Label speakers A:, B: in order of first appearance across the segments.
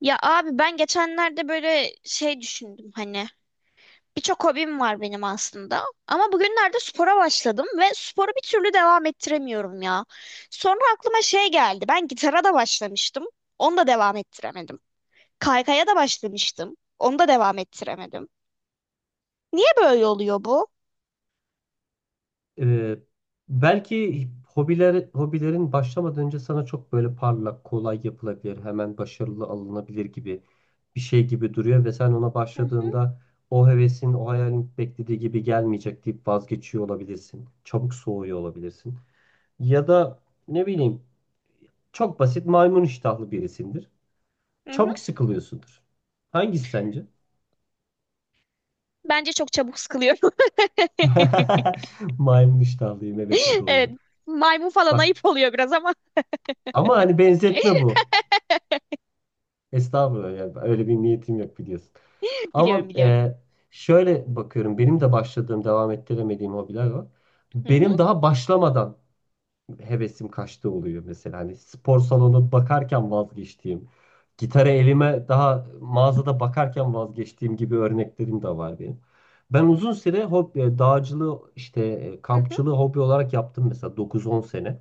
A: Ya abi ben geçenlerde böyle şey düşündüm hani birçok hobim var benim aslında ama bugünlerde spora başladım ve sporu bir türlü devam ettiremiyorum ya. Sonra aklıma şey geldi ben gitara da başlamıştım onu da devam ettiremedim. Kaykaya da başlamıştım onu da devam ettiremedim. Niye böyle oluyor bu?
B: Ee, belki hobilerin başlamadan önce sana çok böyle parlak, kolay yapılabilir, hemen başarılı alınabilir gibi bir şey gibi duruyor ve sen ona
A: Hı hı,
B: başladığında o hevesin, o hayalin beklediği gibi gelmeyecek deyip vazgeçiyor olabilirsin. Çabuk soğuyor olabilirsin. Ya da ne bileyim, çok basit, maymun iştahlı birisindir.
A: hı hı.
B: Çabuk sıkılıyorsundur. Hangisi sence?
A: Bence çok çabuk sıkılıyorum.
B: Maymun iştahlıyım, evet, bu
A: Evet,
B: doğru.
A: maymun falan
B: Bak,
A: ayıp oluyor biraz ama
B: ama hani benzetme bu. Estağfurullah, yani öyle bir niyetim yok, biliyorsun.
A: biliyorum
B: Ama
A: biliyorum.
B: şöyle bakıyorum, benim de başladığım, devam ettiremediğim hobiler var.
A: Hı hı,
B: Benim daha başlamadan hevesim kaçtığı oluyor mesela. Hani spor salonu bakarken vazgeçtiğim, gitarı elime daha mağazada bakarken vazgeçtiğim gibi örneklerim de var benim. Ben uzun süre hobi, dağcılığı, işte
A: hı hı.
B: kampçılığı hobi olarak yaptım mesela, 9-10 sene.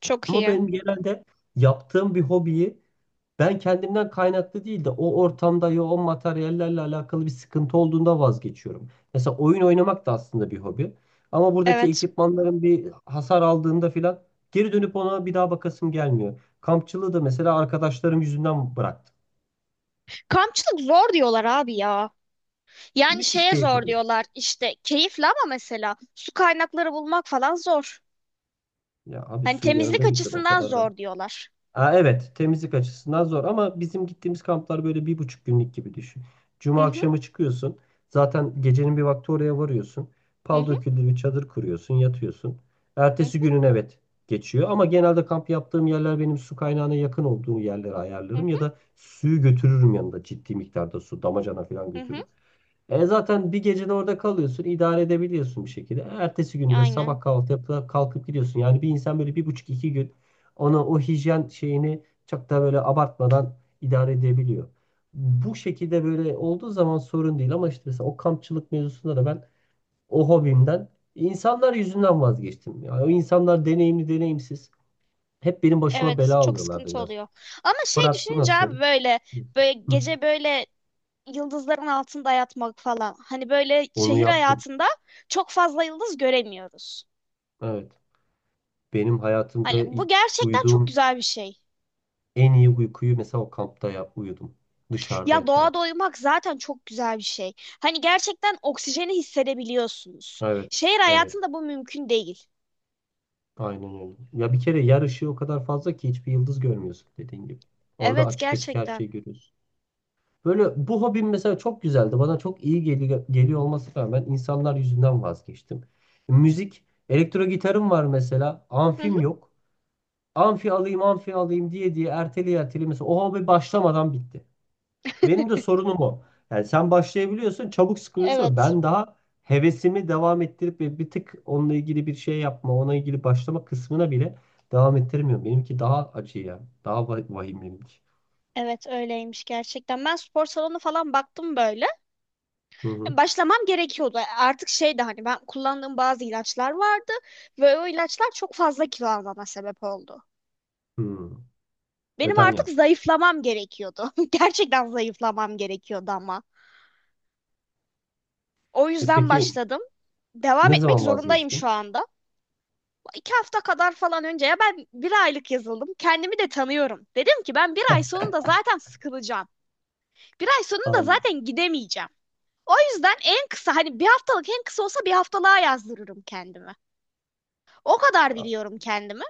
A: Çok
B: Ama
A: iyi.
B: benim genelde yaptığım bir hobiyi ben kendimden kaynaklı değil de o ortamda, ya o materyallerle alakalı bir sıkıntı olduğunda vazgeçiyorum. Mesela oyun oynamak da aslında bir hobi. Ama buradaki
A: Evet.
B: ekipmanların bir hasar aldığında filan geri dönüp ona bir daha bakasım gelmiyor. Kampçılığı da mesela arkadaşlarım yüzünden bıraktım.
A: Kampçılık zor diyorlar abi ya. Yani
B: Müthiş
A: şeye
B: keyif
A: zor
B: alıyor.
A: diyorlar işte, keyifli ama mesela su kaynakları bulmak falan zor.
B: Ya abi,
A: Hani
B: suyu
A: temizlik
B: yanında götür, o
A: açısından
B: kadar da.
A: zor diyorlar.
B: Ha, evet, temizlik açısından zor, ama bizim gittiğimiz kamplar böyle bir buçuk günlük gibi düşün. Cuma
A: Hı hı,
B: akşamı çıkıyorsun. Zaten gecenin bir vakti oraya varıyorsun.
A: hı
B: Pal
A: hı,
B: döküldü, bir çadır kuruyorsun, yatıyorsun.
A: hı
B: Ertesi günün, evet, geçiyor ama genelde kamp yaptığım yerler, benim su kaynağına yakın olduğu yerlere
A: hı,
B: ayarlarım ya da suyu götürürüm yanında, ciddi miktarda su, damacana falan
A: hı hı. Hı.
B: götürürüm. E zaten bir gecede orada kalıyorsun, idare edebiliyorsun bir şekilde. Ertesi günde
A: Aynen.
B: sabah kahvaltı yapıp kalkıp gidiyorsun. Yani bir insan böyle bir buçuk iki gün ona, o hijyen şeyini çok da böyle abartmadan idare edebiliyor. Bu şekilde böyle olduğu zaman sorun değil, ama işte mesela o kampçılık mevzusunda da ben o hobimden insanlar yüzünden vazgeçtim. Yani o insanlar deneyimli deneyimsiz, hep benim başıma
A: Evet,
B: bela
A: çok
B: alıyorlardı
A: sıkıntı
B: biraz.
A: oluyor. Ama şey
B: Fırat, bu
A: düşününce
B: nasıl?
A: abi böyle
B: Hı.
A: gece böyle yıldızların altında yatmak falan. Hani böyle
B: Onu
A: şehir
B: yaptım.
A: hayatında çok fazla yıldız göremiyoruz.
B: Evet. Benim hayatımda
A: Hani bu
B: ilk
A: gerçekten çok
B: uyuduğum
A: güzel bir şey.
B: en iyi uykuyu mesela o kampta, ya, uyudum. Dışarıda
A: Ya doğada
B: yatarak.
A: uyumak zaten çok güzel bir şey. Hani gerçekten oksijeni hissedebiliyorsunuz.
B: Evet.
A: Şehir
B: Evet.
A: hayatında bu mümkün değil.
B: Aynen öyle. Ya bir kere yer ışığı o kadar fazla ki hiçbir yıldız görmüyorsun, dediğin gibi. Orada
A: Evet,
B: açık açık her
A: gerçekten.
B: şeyi görüyorsun. Böyle, bu hobim mesela çok güzeldi. Bana çok iyi geliyor olması rağmen insanlar yüzünden vazgeçtim. Müzik, elektro gitarım var mesela.
A: Hı hı,
B: Amfim yok. Amfi alayım, amfi alayım diye diye, erteli erteli, mesela o hobi başlamadan bitti. Benim de sorunum o. Yani sen başlayabiliyorsun, çabuk sıkılıyorsun, ama
A: evet.
B: ben daha hevesimi devam ettirip ve bir tık onunla ilgili bir şey yapma, ona ilgili başlama kısmına bile devam ettirmiyorum. Benimki daha acı ya. Daha vahim benimki.
A: Evet, öyleymiş gerçekten. Ben spor salonu falan baktım böyle.
B: Hı hı.
A: Başlamam gerekiyordu. Artık şey de hani ben kullandığım bazı ilaçlar vardı ve o ilaçlar çok fazla kilo almama sebep oldu.
B: Hı.
A: Benim
B: Ödem
A: artık
B: yaptım.
A: zayıflamam gerekiyordu. Gerçekten zayıflamam gerekiyordu ama. O
B: E
A: yüzden
B: peki,
A: başladım. Devam
B: ne
A: etmek
B: zaman
A: zorundayım
B: vazgeçtin?
A: şu anda. 2 hafta kadar falan önce ya ben bir aylık yazıldım. Kendimi de tanıyorum. Dedim ki ben bir ay sonunda zaten sıkılacağım. Bir ay sonunda
B: Al-
A: zaten gidemeyeceğim. O yüzden en kısa hani bir haftalık, en kısa olsa bir haftalığa yazdırırım kendimi. O kadar
B: a-
A: biliyorum kendimi.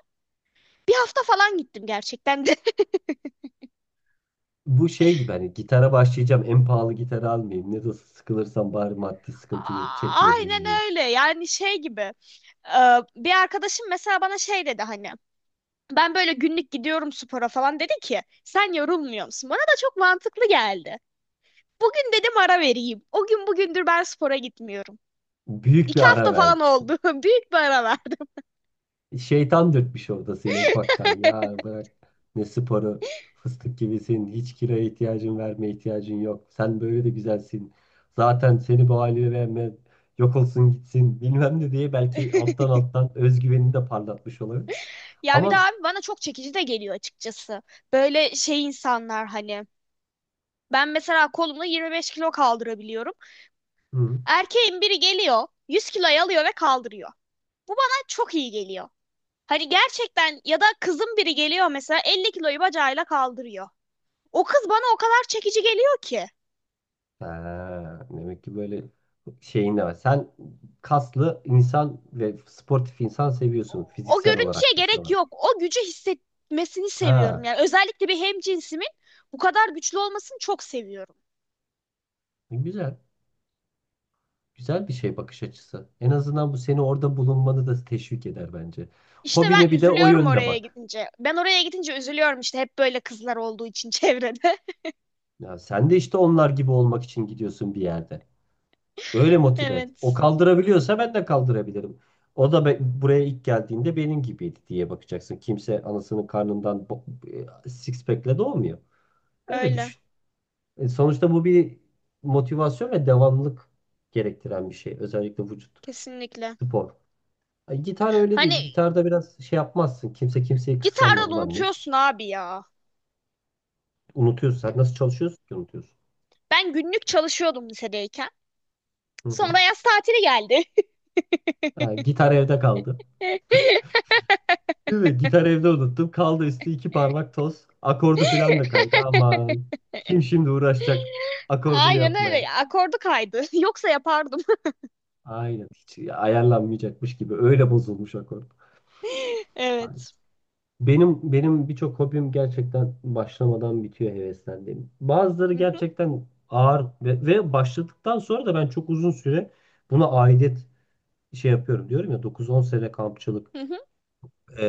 A: Bir hafta falan gittim gerçekten de.
B: Bu şey gibi, hani gitara başlayacağım, en pahalı gitarı almayayım. Ne de olsa sıkılırsam bari maddi sıkıntıyı çekmeyeyim
A: Aynen
B: diye.
A: öyle yani, şey gibi. e, Bir arkadaşım mesela bana şey dedi hani. Ben böyle günlük gidiyorum spora falan dedi ki sen yorulmuyor musun? Bana da çok mantıklı geldi. Bugün dedim ara vereyim. O gün bugündür ben spora gitmiyorum.
B: Büyük bir
A: 2 hafta
B: ara verdim.
A: falan oldu. Büyük bir ara verdim.
B: Şeytan dürtmüş orada seni ufaktan. Ya bırak ne sporu, fıstık gibisin. Hiç kiraya ihtiyacın, verme ihtiyacın yok. Sen böyle de güzelsin. Zaten seni bu haline verme, yok olsun gitsin bilmem ne diye, belki alttan alttan özgüvenini de parlatmış olabilir.
A: Ya bir de
B: Ama
A: abi bana çok çekici de geliyor açıkçası. Böyle şey insanlar hani. Ben mesela kolumla 25 kilo kaldırabiliyorum.
B: hı,
A: Erkeğin biri geliyor, 100 kiloyu alıyor ve kaldırıyor. Bu bana çok iyi geliyor. Hani gerçekten, ya da kızın biri geliyor mesela 50 kiloyu bacağıyla kaldırıyor. O kız bana o kadar çekici geliyor ki.
B: ha, demek ki böyle şeyin de var. Sen kaslı insan ve sportif insan seviyorsun,
A: O
B: fiziksel
A: görüntüye
B: olarak da şey
A: gerek
B: olarak.
A: yok. O gücü hissetmesini seviyorum.
B: Ha,
A: Yani özellikle bir hemcinsimin bu kadar güçlü olmasını çok seviyorum.
B: güzel. Güzel bir şey bakış açısı. En azından bu seni orada bulunmanı da teşvik eder bence.
A: İşte
B: Hobine
A: ben
B: bir de o
A: üzülüyorum
B: yönde
A: oraya
B: bak.
A: gidince. Ben oraya gidince üzülüyorum işte, hep böyle kızlar olduğu için çevrede.
B: Ya sen de işte onlar gibi olmak için gidiyorsun bir yerde. Öyle motive et. O
A: Evet,
B: kaldırabiliyorsa ben de kaldırabilirim. O da buraya ilk geldiğinde benim gibiydi diye bakacaksın. Kimse anasının karnından six pack'le doğmuyor. Öyle
A: öyle.
B: düşün. Sonuçta bu bir motivasyon ve devamlılık gerektiren bir şey. Özellikle vücut,
A: Kesinlikle.
B: spor. Ay, gitar öyle değil.
A: Hani
B: Gitarda biraz şey yapmazsın. Kimse kimseyi
A: gitarda
B: kıskanmaz.
A: da
B: Ulan, ne?
A: unutuyorsun abi ya.
B: Unutuyorsun. Sen nasıl çalışıyorsun ki unutuyorsun?
A: Ben günlük çalışıyordum lisedeyken.
B: Hı hı.
A: Sonra yaz tatili geldi.
B: Ha, gitar evde kaldı. Değil mi? Gitar evde unuttum. Kaldı, üstü iki parmak toz. Akordu falan da kaydı. Aman. Kim şimdi uğraşacak akordunu
A: Aynen
B: yapmaya?
A: öyle. Akordu kaydı. Yoksa yapardım.
B: Aynen. Hiç ayarlanmayacakmış gibi, öyle bozulmuş akord. Aynen.
A: Evet.
B: Benim birçok hobim gerçekten başlamadan bitiyor, heveslendiğim. Bazıları
A: Hı hı,
B: gerçekten ağır ve başladıktan sonra da ben çok uzun süre buna aidet şey yapıyorum diyorum ya, 9-10 sene kampçılık,
A: hı hı.
B: e,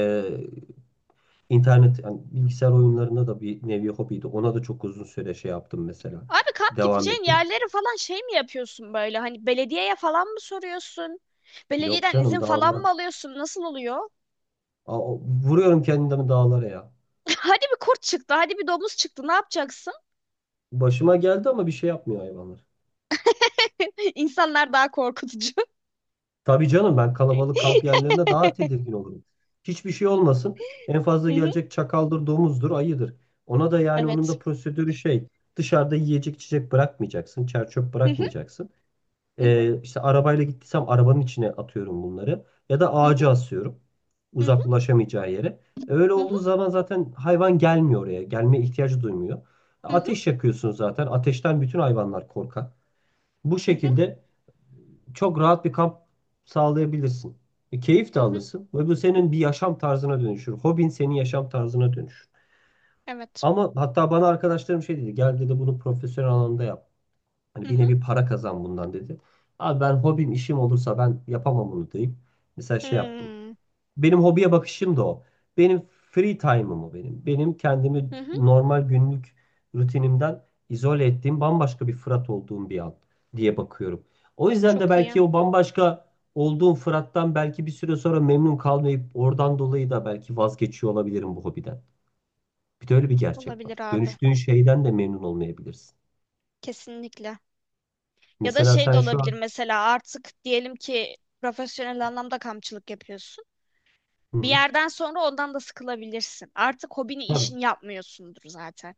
B: internet, yani bilgisayar oyunlarında da bir nevi hobiydi. Ona da çok uzun süre şey yaptım mesela.
A: Abi kamp
B: Devam
A: gideceğin
B: ettim.
A: yerleri falan şey mi yapıyorsun böyle? Hani belediyeye falan mı soruyorsun?
B: Yok
A: Belediyeden
B: canım,
A: izin falan
B: dağlara.
A: mı alıyorsun? Nasıl oluyor?
B: Aa, vuruyorum kendimi dağlara ya.
A: Hadi bir kurt çıktı, hadi bir domuz çıktı. Ne yapacaksın?
B: Başıma geldi ama bir şey yapmıyor hayvanlar.
A: İnsanlar daha korkutucu.
B: Tabii canım, ben kalabalık kamp yerlerine daha tedirgin olurum. Hiçbir şey olmasın. En
A: Hı
B: fazla
A: hı,
B: gelecek çakaldır, domuzdur, ayıdır. Ona da yani onun
A: evet.
B: da prosedürü şey. Dışarıda yiyecek içecek bırakmayacaksın. Çer
A: Hı hı,
B: bırakmayacaksın.
A: hı hı,
B: İşte arabayla gittiysem arabanın içine atıyorum bunları. Ya da
A: hı hı,
B: ağaca asıyorum,
A: hı hı,
B: uzak, ulaşamayacağı yere. Öyle
A: hı hı,
B: olduğu zaman zaten hayvan gelmiyor oraya. Gelmeye ihtiyacı duymuyor. Ateş yakıyorsun zaten. Ateşten bütün hayvanlar korkar. Bu
A: hı hı,
B: şekilde çok rahat bir kamp sağlayabilirsin. Keyif
A: hı
B: de
A: hı.
B: alırsın. Ve bu senin bir yaşam tarzına dönüşür. Hobin senin yaşam tarzına dönüşür.
A: Evet.
B: Ama hatta bana arkadaşlarım şey dedi. Gel dedi, bunu profesyonel alanda yap.
A: Hı
B: Hani bir
A: hı.
B: nevi para kazan bundan dedi. Abi, ben hobim işim olursa ben yapamam bunu deyip mesela şey yaptım.
A: Hmm,
B: Benim hobiye bakışım da o. Benim free time'ım o benim. Benim kendimi
A: hı hı.
B: normal günlük rutinimden izole ettiğim, bambaşka bir Fırat olduğum bir an diye bakıyorum. O yüzden de
A: Çok iyi.
B: belki o bambaşka olduğum Fırat'tan belki bir süre sonra memnun kalmayıp oradan dolayı da belki vazgeçiyor olabilirim bu hobiden. Bir de öyle bir gerçek
A: Olabilir
B: var.
A: abi.
B: Dönüştüğün şeyden de memnun olmayabilirsin.
A: Kesinlikle. Ya da
B: Mesela
A: şey de
B: sen şu
A: olabilir,
B: an...
A: mesela artık diyelim ki profesyonel anlamda kampçılık yapıyorsun.
B: Hı
A: Bir
B: hı.
A: yerden sonra ondan da sıkılabilirsin. Artık hobini
B: Tabii.
A: işin yapmıyorsundur zaten.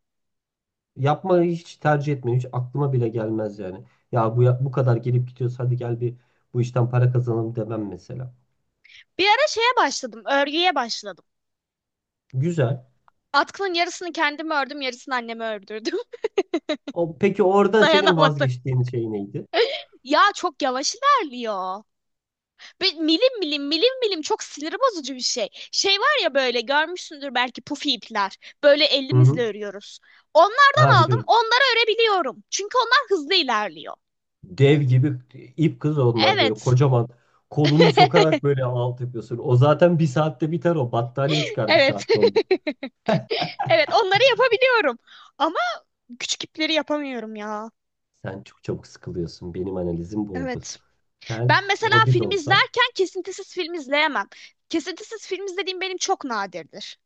B: Yapmayı hiç tercih etmiyorum. Hiç aklıma bile gelmez yani. Ya bu kadar gelip gidiyoruz, hadi gel bir, bu işten para kazanalım demem mesela.
A: Bir ara şeye başladım, örgüye başladım.
B: Güzel.
A: Atkının yarısını kendim ördüm, yarısını anneme ördürdüm.
B: O, peki orada senin
A: Dayanamadım.
B: vazgeçtiğin şey neydi?
A: Ya çok yavaş ilerliyor. Bir milim milim milim milim, çok sinir bozucu bir şey. Şey var ya, böyle görmüşsündür belki pufi ipler. Böyle
B: Hı
A: elimizle
B: hı.
A: örüyoruz. Onlardan
B: Ha,
A: aldım.
B: biliyorum.
A: Onları örebiliyorum çünkü onlar hızlı ilerliyor.
B: Dev gibi ip kız onlar, böyle
A: Evet.
B: kocaman, kolunu sokarak böyle alt yapıyorsun. O zaten bir saatte biter o. Battaniye çıkar bir
A: Evet.
B: saatte onda.
A: Evet, onları yapabiliyorum. Ama küçük ipleri yapamıyorum ya.
B: Sen çok çabuk sıkılıyorsun. Benim analizim bu oldu.
A: Evet.
B: Sen
A: Ben mesela
B: hobi de
A: film
B: olsa
A: izlerken kesintisiz film izleyemem. Kesintisiz film izlediğim benim çok nadirdir.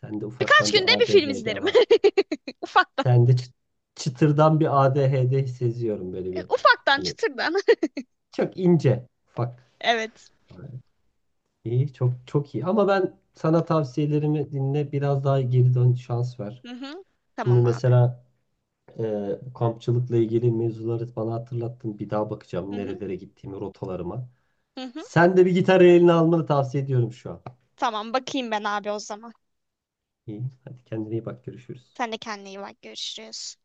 B: sende
A: Birkaç
B: ufaktan
A: günde
B: bir
A: bir film
B: ADHD
A: izlerim.
B: var.
A: Ufaktan.
B: Sende çıtırdan bir ADHD seziyorum böyle bir.
A: Ufaktan,
B: Hani
A: çıtırdan.
B: çok ince. Bak.
A: Evet.
B: İyi, çok çok iyi. Ama ben sana tavsiyelerimi dinle, biraz daha geri dön, şans ver.
A: Hı hı.
B: Şimdi
A: Tamam abi.
B: mesela e, bu kampçılıkla ilgili mevzuları bana hatırlattın. Bir daha
A: Hı
B: bakacağım
A: hı.
B: nerelere gittiğimi, rotalarıma.
A: Hı hı.
B: Sen de bir gitarı eline almanı tavsiye ediyorum şu an.
A: Tamam, bakayım ben abi o zaman.
B: İyi, hadi kendine iyi bak, görüşürüz.
A: Sen de kendine iyi bak. Görüşürüz.